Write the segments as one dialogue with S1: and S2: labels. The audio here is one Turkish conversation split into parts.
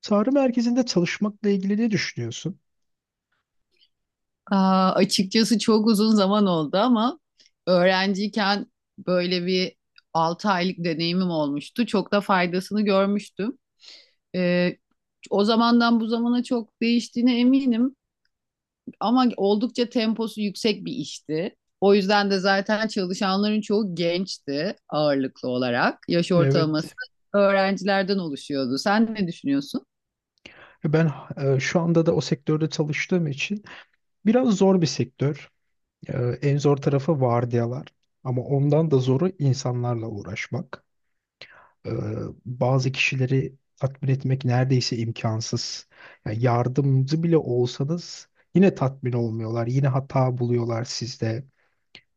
S1: Çağrı merkezinde çalışmakla ilgili ne düşünüyorsun?
S2: Açıkçası çok uzun zaman oldu ama öğrenciyken böyle bir 6 aylık deneyimim olmuştu. Çok da faydasını görmüştüm. Ee, O zamandan bu zamana çok değiştiğine eminim ama oldukça temposu yüksek bir işti. O yüzden de zaten çalışanların çoğu gençti ağırlıklı olarak. Yaş ortalaması
S1: Evet,
S2: öğrencilerden oluşuyordu. Sen ne düşünüyorsun?
S1: ben şu anda da o sektörde çalıştığım için biraz zor bir sektör. E, En zor tarafı vardiyalar. Ama ondan da zoru insanlarla uğraşmak. E, Bazı kişileri tatmin etmek neredeyse imkansız. Yani yardımcı bile olsanız yine tatmin olmuyorlar. Yine hata buluyorlar sizde.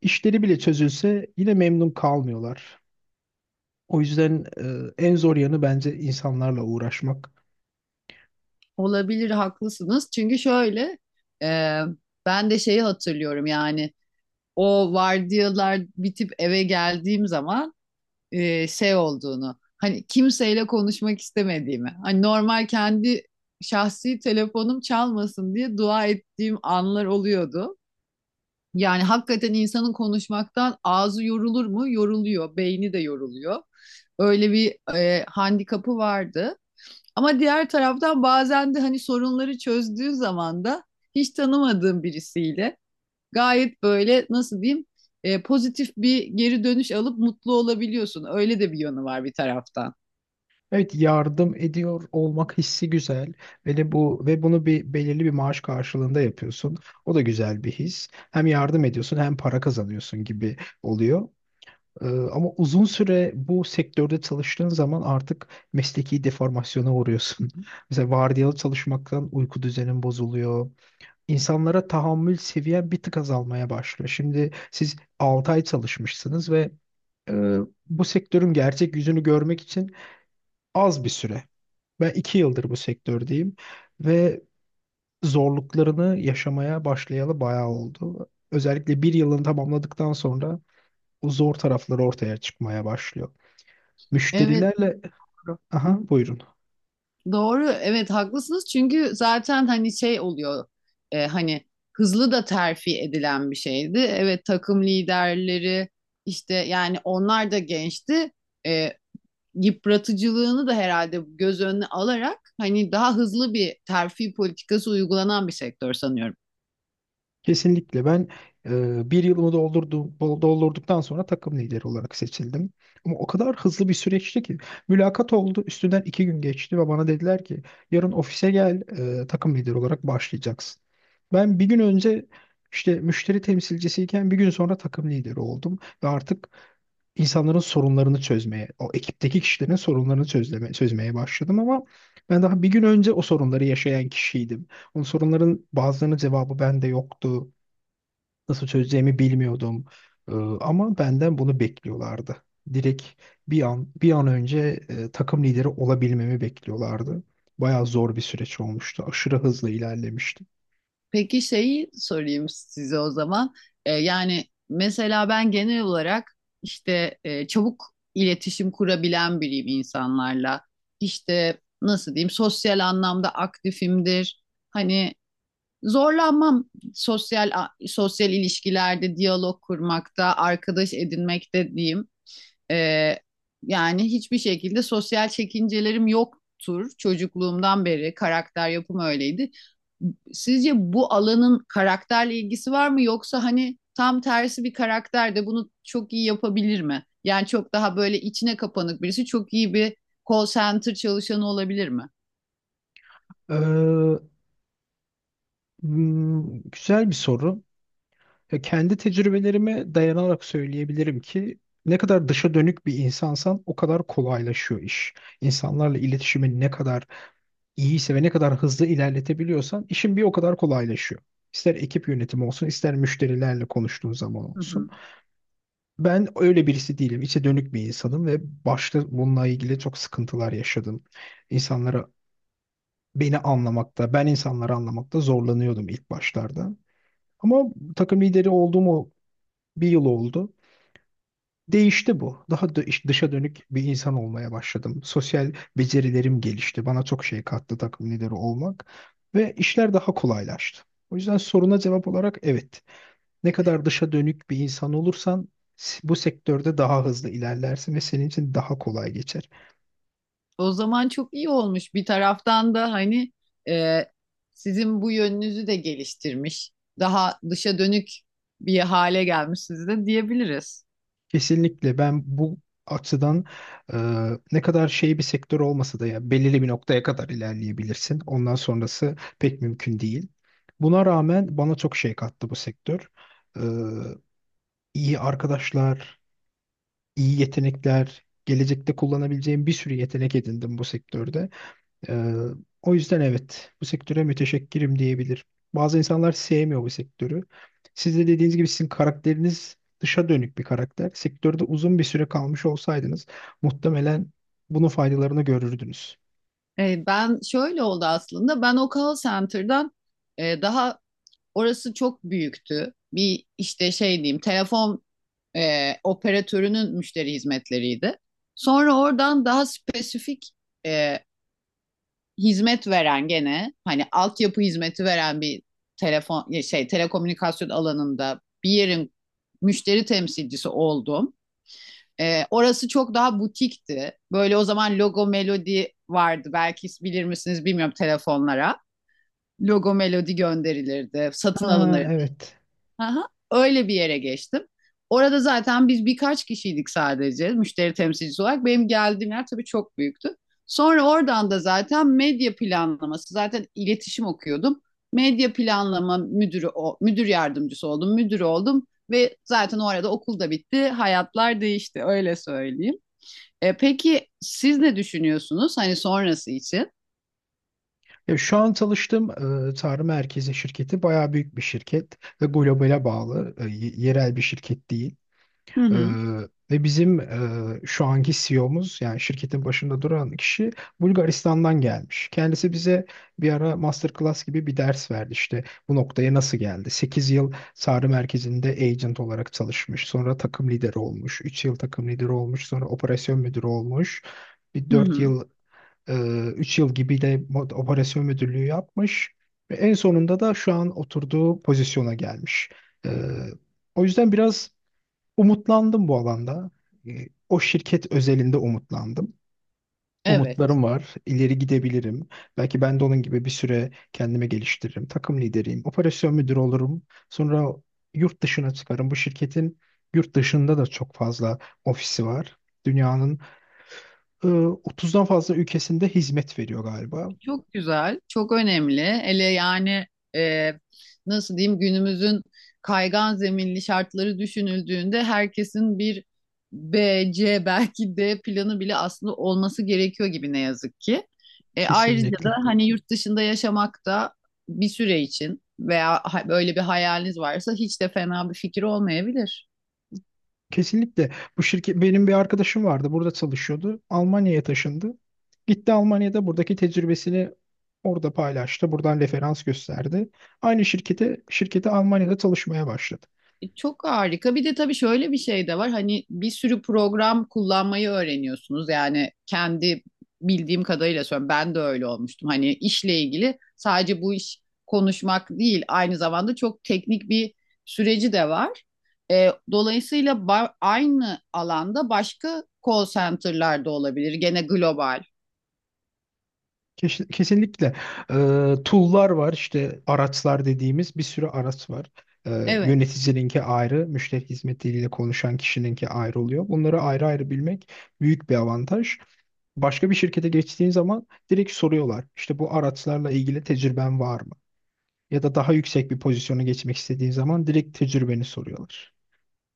S1: İşleri bile çözülse yine memnun kalmıyorlar. O yüzden en zor yanı bence insanlarla uğraşmak.
S2: Olabilir, haklısınız. Çünkü şöyle, e, ben de şeyi hatırlıyorum yani o vardiyalar bitip eve geldiğim zaman, şey olduğunu hani kimseyle konuşmak istemediğimi hani normal kendi şahsi telefonum çalmasın diye dua ettiğim anlar oluyordu. Yani hakikaten insanın konuşmaktan ağzı yorulur mu? Yoruluyor, beyni de yoruluyor. Öyle bir handikapı vardı. Ama diğer taraftan bazen de hani sorunları çözdüğün zaman da hiç tanımadığım birisiyle gayet böyle nasıl diyeyim pozitif bir geri dönüş alıp mutlu olabiliyorsun. Öyle de bir yönü var bir taraftan.
S1: Evet, yardım ediyor olmak hissi güzel ve de bu ve bunu belirli bir maaş karşılığında yapıyorsun. O da güzel bir his. Hem yardım ediyorsun hem para kazanıyorsun gibi oluyor. Ama uzun süre bu sektörde çalıştığın zaman artık mesleki deformasyona uğruyorsun. Mesela vardiyalı çalışmaktan uyku düzenin bozuluyor. İnsanlara tahammül seviyen bir tık azalmaya başlıyor. Şimdi siz 6 ay çalışmışsınız ve e, bu sektörün gerçek yüzünü görmek için az bir süre. Ben 2 yıldır bu sektördeyim ve zorluklarını yaşamaya başlayalı bayağı oldu. Özellikle bir yılını tamamladıktan sonra o zor tarafları ortaya çıkmaya başlıyor.
S2: Evet,
S1: Müşterilerle...
S2: doğru.
S1: Aha buyurun.
S2: Doğru, evet, haklısınız çünkü zaten hani şey oluyor, hani hızlı da terfi edilen bir şeydi. Evet, takım liderleri işte yani onlar da gençti. E, Yıpratıcılığını da herhalde göz önüne alarak hani daha hızlı bir terfi politikası uygulanan bir sektör sanıyorum.
S1: Kesinlikle, ben bir yılımı doldurduktan sonra takım lideri olarak seçildim. Ama o kadar hızlı bir süreçti ki mülakat oldu, üstünden 2 gün geçti ve bana dediler ki yarın ofise gel, takım lideri olarak başlayacaksın. Ben bir gün önce işte müşteri temsilcisiyken bir gün sonra takım lideri oldum ve artık insanların sorunlarını çözmeye, o ekipteki kişilerin sorunlarını çözmeye başladım, ama ben daha bir gün önce o sorunları yaşayan kişiydim. Bu soruların bazılarının cevabı bende yoktu. Nasıl çözeceğimi bilmiyordum. Ee, Ama benden bunu bekliyorlardı. Direkt bir an önce takım lideri olabilmemi bekliyorlardı. Bayağı zor bir süreç olmuştu. Aşırı hızlı ilerlemiştim.
S2: Peki şeyi sorayım size o zaman. Yani mesela ben genel olarak işte çabuk iletişim kurabilen biriyim insanlarla. İşte nasıl diyeyim, sosyal anlamda aktifimdir. Hani zorlanmam sosyal sosyal ilişkilerde diyalog kurmakta, arkadaş edinmekte diyeyim. Ee, Yani hiçbir şekilde sosyal çekincelerim yoktur. Çocukluğumdan beri karakter yapım öyleydi. Sizce bu alanın karakterle ilgisi var mı yoksa hani tam tersi bir karakter de bunu çok iyi yapabilir mi? Yani çok daha böyle içine kapanık birisi çok iyi bir call center çalışanı olabilir mi?
S1: Ee, Güzel bir soru. Ya kendi tecrübelerime dayanarak söyleyebilirim ki ne kadar dışa dönük bir insansan o kadar kolaylaşıyor iş. İnsanlarla iletişimin ne kadar iyiyse ve ne kadar hızlı ilerletebiliyorsan işin bir o kadar kolaylaşıyor. İster ekip yönetimi olsun, ister müşterilerle konuştuğun zaman
S2: Hı
S1: olsun.
S2: hı.
S1: Ben öyle birisi değilim. İçe dönük bir insanım ve başta bununla ilgili çok sıkıntılar yaşadım. İnsanlara beni anlamakta, ben insanları anlamakta zorlanıyordum ilk başlarda. Ama takım lideri olduğum o bir yıl oldu. Değişti bu. Daha dışa dönük bir insan olmaya başladım. Sosyal becerilerim gelişti. Bana çok şey kattı takım lideri olmak ve işler daha kolaylaştı. O yüzden soruna cevap olarak evet. Ne kadar dışa dönük bir insan olursan bu sektörde daha hızlı ilerlersin ve senin için daha kolay geçer.
S2: O zaman çok iyi olmuş. Bir taraftan da hani e, sizin bu yönünüzü de geliştirmiş. Daha dışa dönük bir hale gelmişsiniz de diyebiliriz.
S1: Kesinlikle, ben bu açıdan e, ne kadar şey bir sektör olmasa da ya belirli bir noktaya kadar ilerleyebilirsin. Ondan sonrası pek mümkün değil. Buna rağmen bana çok şey kattı bu sektör. E, iyi arkadaşlar, iyi yetenekler, gelecekte kullanabileceğim bir sürü yetenek edindim bu sektörde. Ee, O yüzden evet, bu sektöre müteşekkirim diyebilirim. Bazı insanlar sevmiyor bu sektörü. Siz de dediğiniz gibi sizin karakteriniz dışa dönük bir karakter. Sektörde uzun bir süre kalmış olsaydınız muhtemelen bunun faydalarını görürdünüz.
S2: Ben şöyle oldu aslında. Ben o call center'dan, daha, orası çok büyüktü. Bir işte şey diyeyim, telefon operatörünün müşteri hizmetleriydi. Sonra oradan daha spesifik, e, hizmet veren gene hani altyapı hizmeti veren bir telefon şey telekomünikasyon alanında bir yerin müşteri temsilcisi oldum. Orası çok daha butikti. Böyle, o zaman logo melodi vardı. Belki bilir misiniz bilmiyorum, telefonlara. Logo melodi gönderilirdi, satın
S1: Ha,
S2: alınırdı.
S1: evet.
S2: Aha, öyle bir yere geçtim. Orada zaten biz birkaç kişiydik sadece müşteri temsilcisi olarak. Benim geldiğim yer tabii çok büyüktü. Sonra oradan da zaten medya planlaması, zaten iletişim okuyordum. Medya planlama müdürü, müdür yardımcısı oldum, müdür oldum ve zaten o arada okul da bitti, hayatlar değişti öyle söyleyeyim. Peki siz ne düşünüyorsunuz hani sonrası için?
S1: Ya şu an çalıştığım Tarım Merkezi şirketi bayağı büyük bir şirket ve globale bağlı, yerel bir şirket değil.
S2: Hı
S1: Ee,
S2: hı,
S1: Ve bizim şu anki CEO'muz, yani şirketin başında duran kişi Bulgaristan'dan gelmiş. Kendisi bize bir ara masterclass gibi bir ders verdi, işte bu noktaya nasıl geldi. 8 yıl Sarı merkezinde agent olarak çalışmış. Sonra takım lideri olmuş. 3 yıl takım lideri olmuş. Sonra operasyon müdürü olmuş. Bir
S2: hı
S1: 4
S2: hı.
S1: yıl, e, 3 yıl gibi de operasyon müdürlüğü yapmış. Ve en sonunda da şu an oturduğu pozisyona gelmiş. Ee, O yüzden biraz umutlandım bu alanda. E, O şirket özelinde umutlandım.
S2: Evet.
S1: Umutlarım var. İleri gidebilirim. Belki ben de onun gibi bir süre kendimi geliştiririm. Takım lideriyim. Operasyon müdürü olurum. Sonra yurt dışına çıkarım. Bu şirketin yurt dışında da çok fazla ofisi var. Dünyanın e, 30'dan fazla ülkesinde hizmet veriyor galiba.
S2: Çok güzel, çok önemli. Hele yani e, nasıl diyeyim, günümüzün kaygan zeminli şartları düşünüldüğünde herkesin bir B, C belki D planı bile aslında olması gerekiyor gibi, ne yazık ki. Ayrıca da
S1: Kesinlikle.
S2: hani yurt dışında yaşamak da bir süre için veya böyle bir hayaliniz varsa hiç de fena bir fikir olmayabilir.
S1: Kesinlikle. Bu şirket, benim bir arkadaşım vardı. Burada çalışıyordu. Almanya'ya taşındı. Gitti Almanya'da buradaki tecrübesini orada paylaştı. Buradan referans gösterdi. Aynı şirkete Almanya'da çalışmaya başladı.
S2: Çok harika. Bir de tabii şöyle bir şey de var. Hani bir sürü program kullanmayı öğreniyorsunuz. Yani kendi bildiğim kadarıyla söylüyorum. Ben de öyle olmuştum. Hani işle ilgili sadece bu iş konuşmak değil, aynı zamanda çok teknik bir süreci de var. Dolayısıyla aynı alanda başka call center'lar da olabilir. Gene global.
S1: Kesinlikle. e, Tool'lar var, işte araçlar dediğimiz bir sürü araç var. E,
S2: Evet.
S1: Yöneticininki ayrı, müşteri hizmetiyle konuşan kişininki ayrı oluyor. Bunları ayrı ayrı bilmek büyük bir avantaj. Başka bir şirkete geçtiğin zaman direkt soruyorlar. İşte bu araçlarla ilgili tecrüben var mı? Ya da daha yüksek bir pozisyona geçmek istediğin zaman direkt tecrübeni soruyorlar.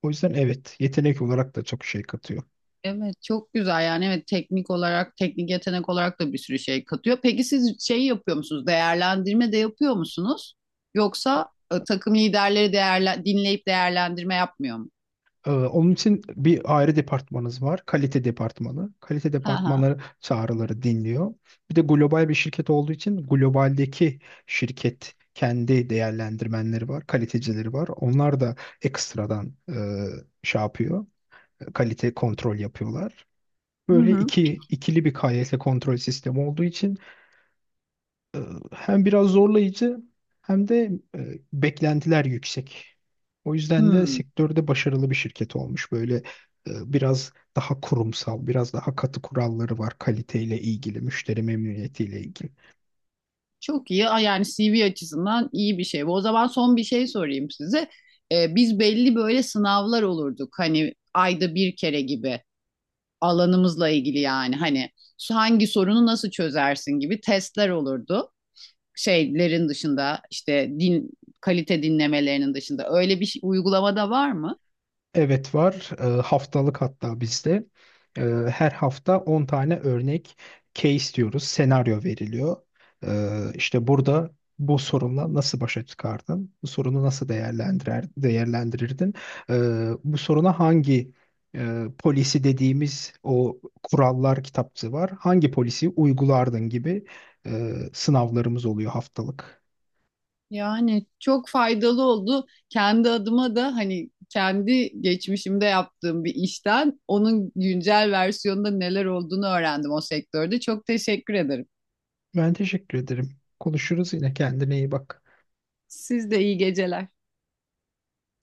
S1: O yüzden evet, yetenek olarak da çok şey katıyor.
S2: Evet, çok güzel yani, evet, teknik olarak, teknik yetenek olarak da bir sürü şey katıyor. Peki siz şey yapıyor musunuz? Değerlendirme de yapıyor musunuz? Yoksa takım liderleri değerlen dinleyip değerlendirme yapmıyor mu?
S1: Onun için bir ayrı departmanınız var. Kalite departmanı. Kalite
S2: Ha ha.
S1: departmanları çağrıları dinliyor. Bir de global bir şirket olduğu için globaldeki şirket kendi değerlendirmenleri var, kalitecileri var. Onlar da ekstradan şey yapıyor, kalite kontrol yapıyorlar.
S2: Hı
S1: Böyle
S2: hı.
S1: ikili bir KYS kontrol sistemi olduğu için e, hem biraz zorlayıcı hem de beklentiler yüksek. O yüzden de
S2: Hmm,
S1: sektörde başarılı bir şirket olmuş. Böyle biraz daha kurumsal, biraz daha katı kuralları var kaliteyle ilgili, müşteri memnuniyetiyle ilgili.
S2: çok iyi. Aa, yani CV açısından iyi bir şey bu. O zaman son bir şey sorayım size. Biz belli böyle sınavlar olurduk. Hani ayda bir kere gibi, alanımızla ilgili yani. Hani hangi sorunu nasıl çözersin gibi testler olurdu. Şeylerin dışında, işte din, kalite dinlemelerinin dışında öyle bir uygulama var mı?
S1: Evet, var. Haftalık hatta bizde. Ee, Her hafta 10 tane örnek case diyoruz. Senaryo veriliyor. İşte burada bu sorunla nasıl başa çıkardın? Bu sorunu nasıl değerlendirirdin? Bu soruna hangi polisi dediğimiz o kurallar kitapçığı var. Hangi polisi uygulardın gibi sınavlarımız oluyor haftalık.
S2: Yani çok faydalı oldu. Kendi adıma da hani kendi geçmişimde yaptığım bir işten onun güncel versiyonunda neler olduğunu öğrendim o sektörde. Çok teşekkür ederim.
S1: Ben teşekkür ederim. Konuşuruz yine. Kendine iyi bak.
S2: Siz de iyi geceler.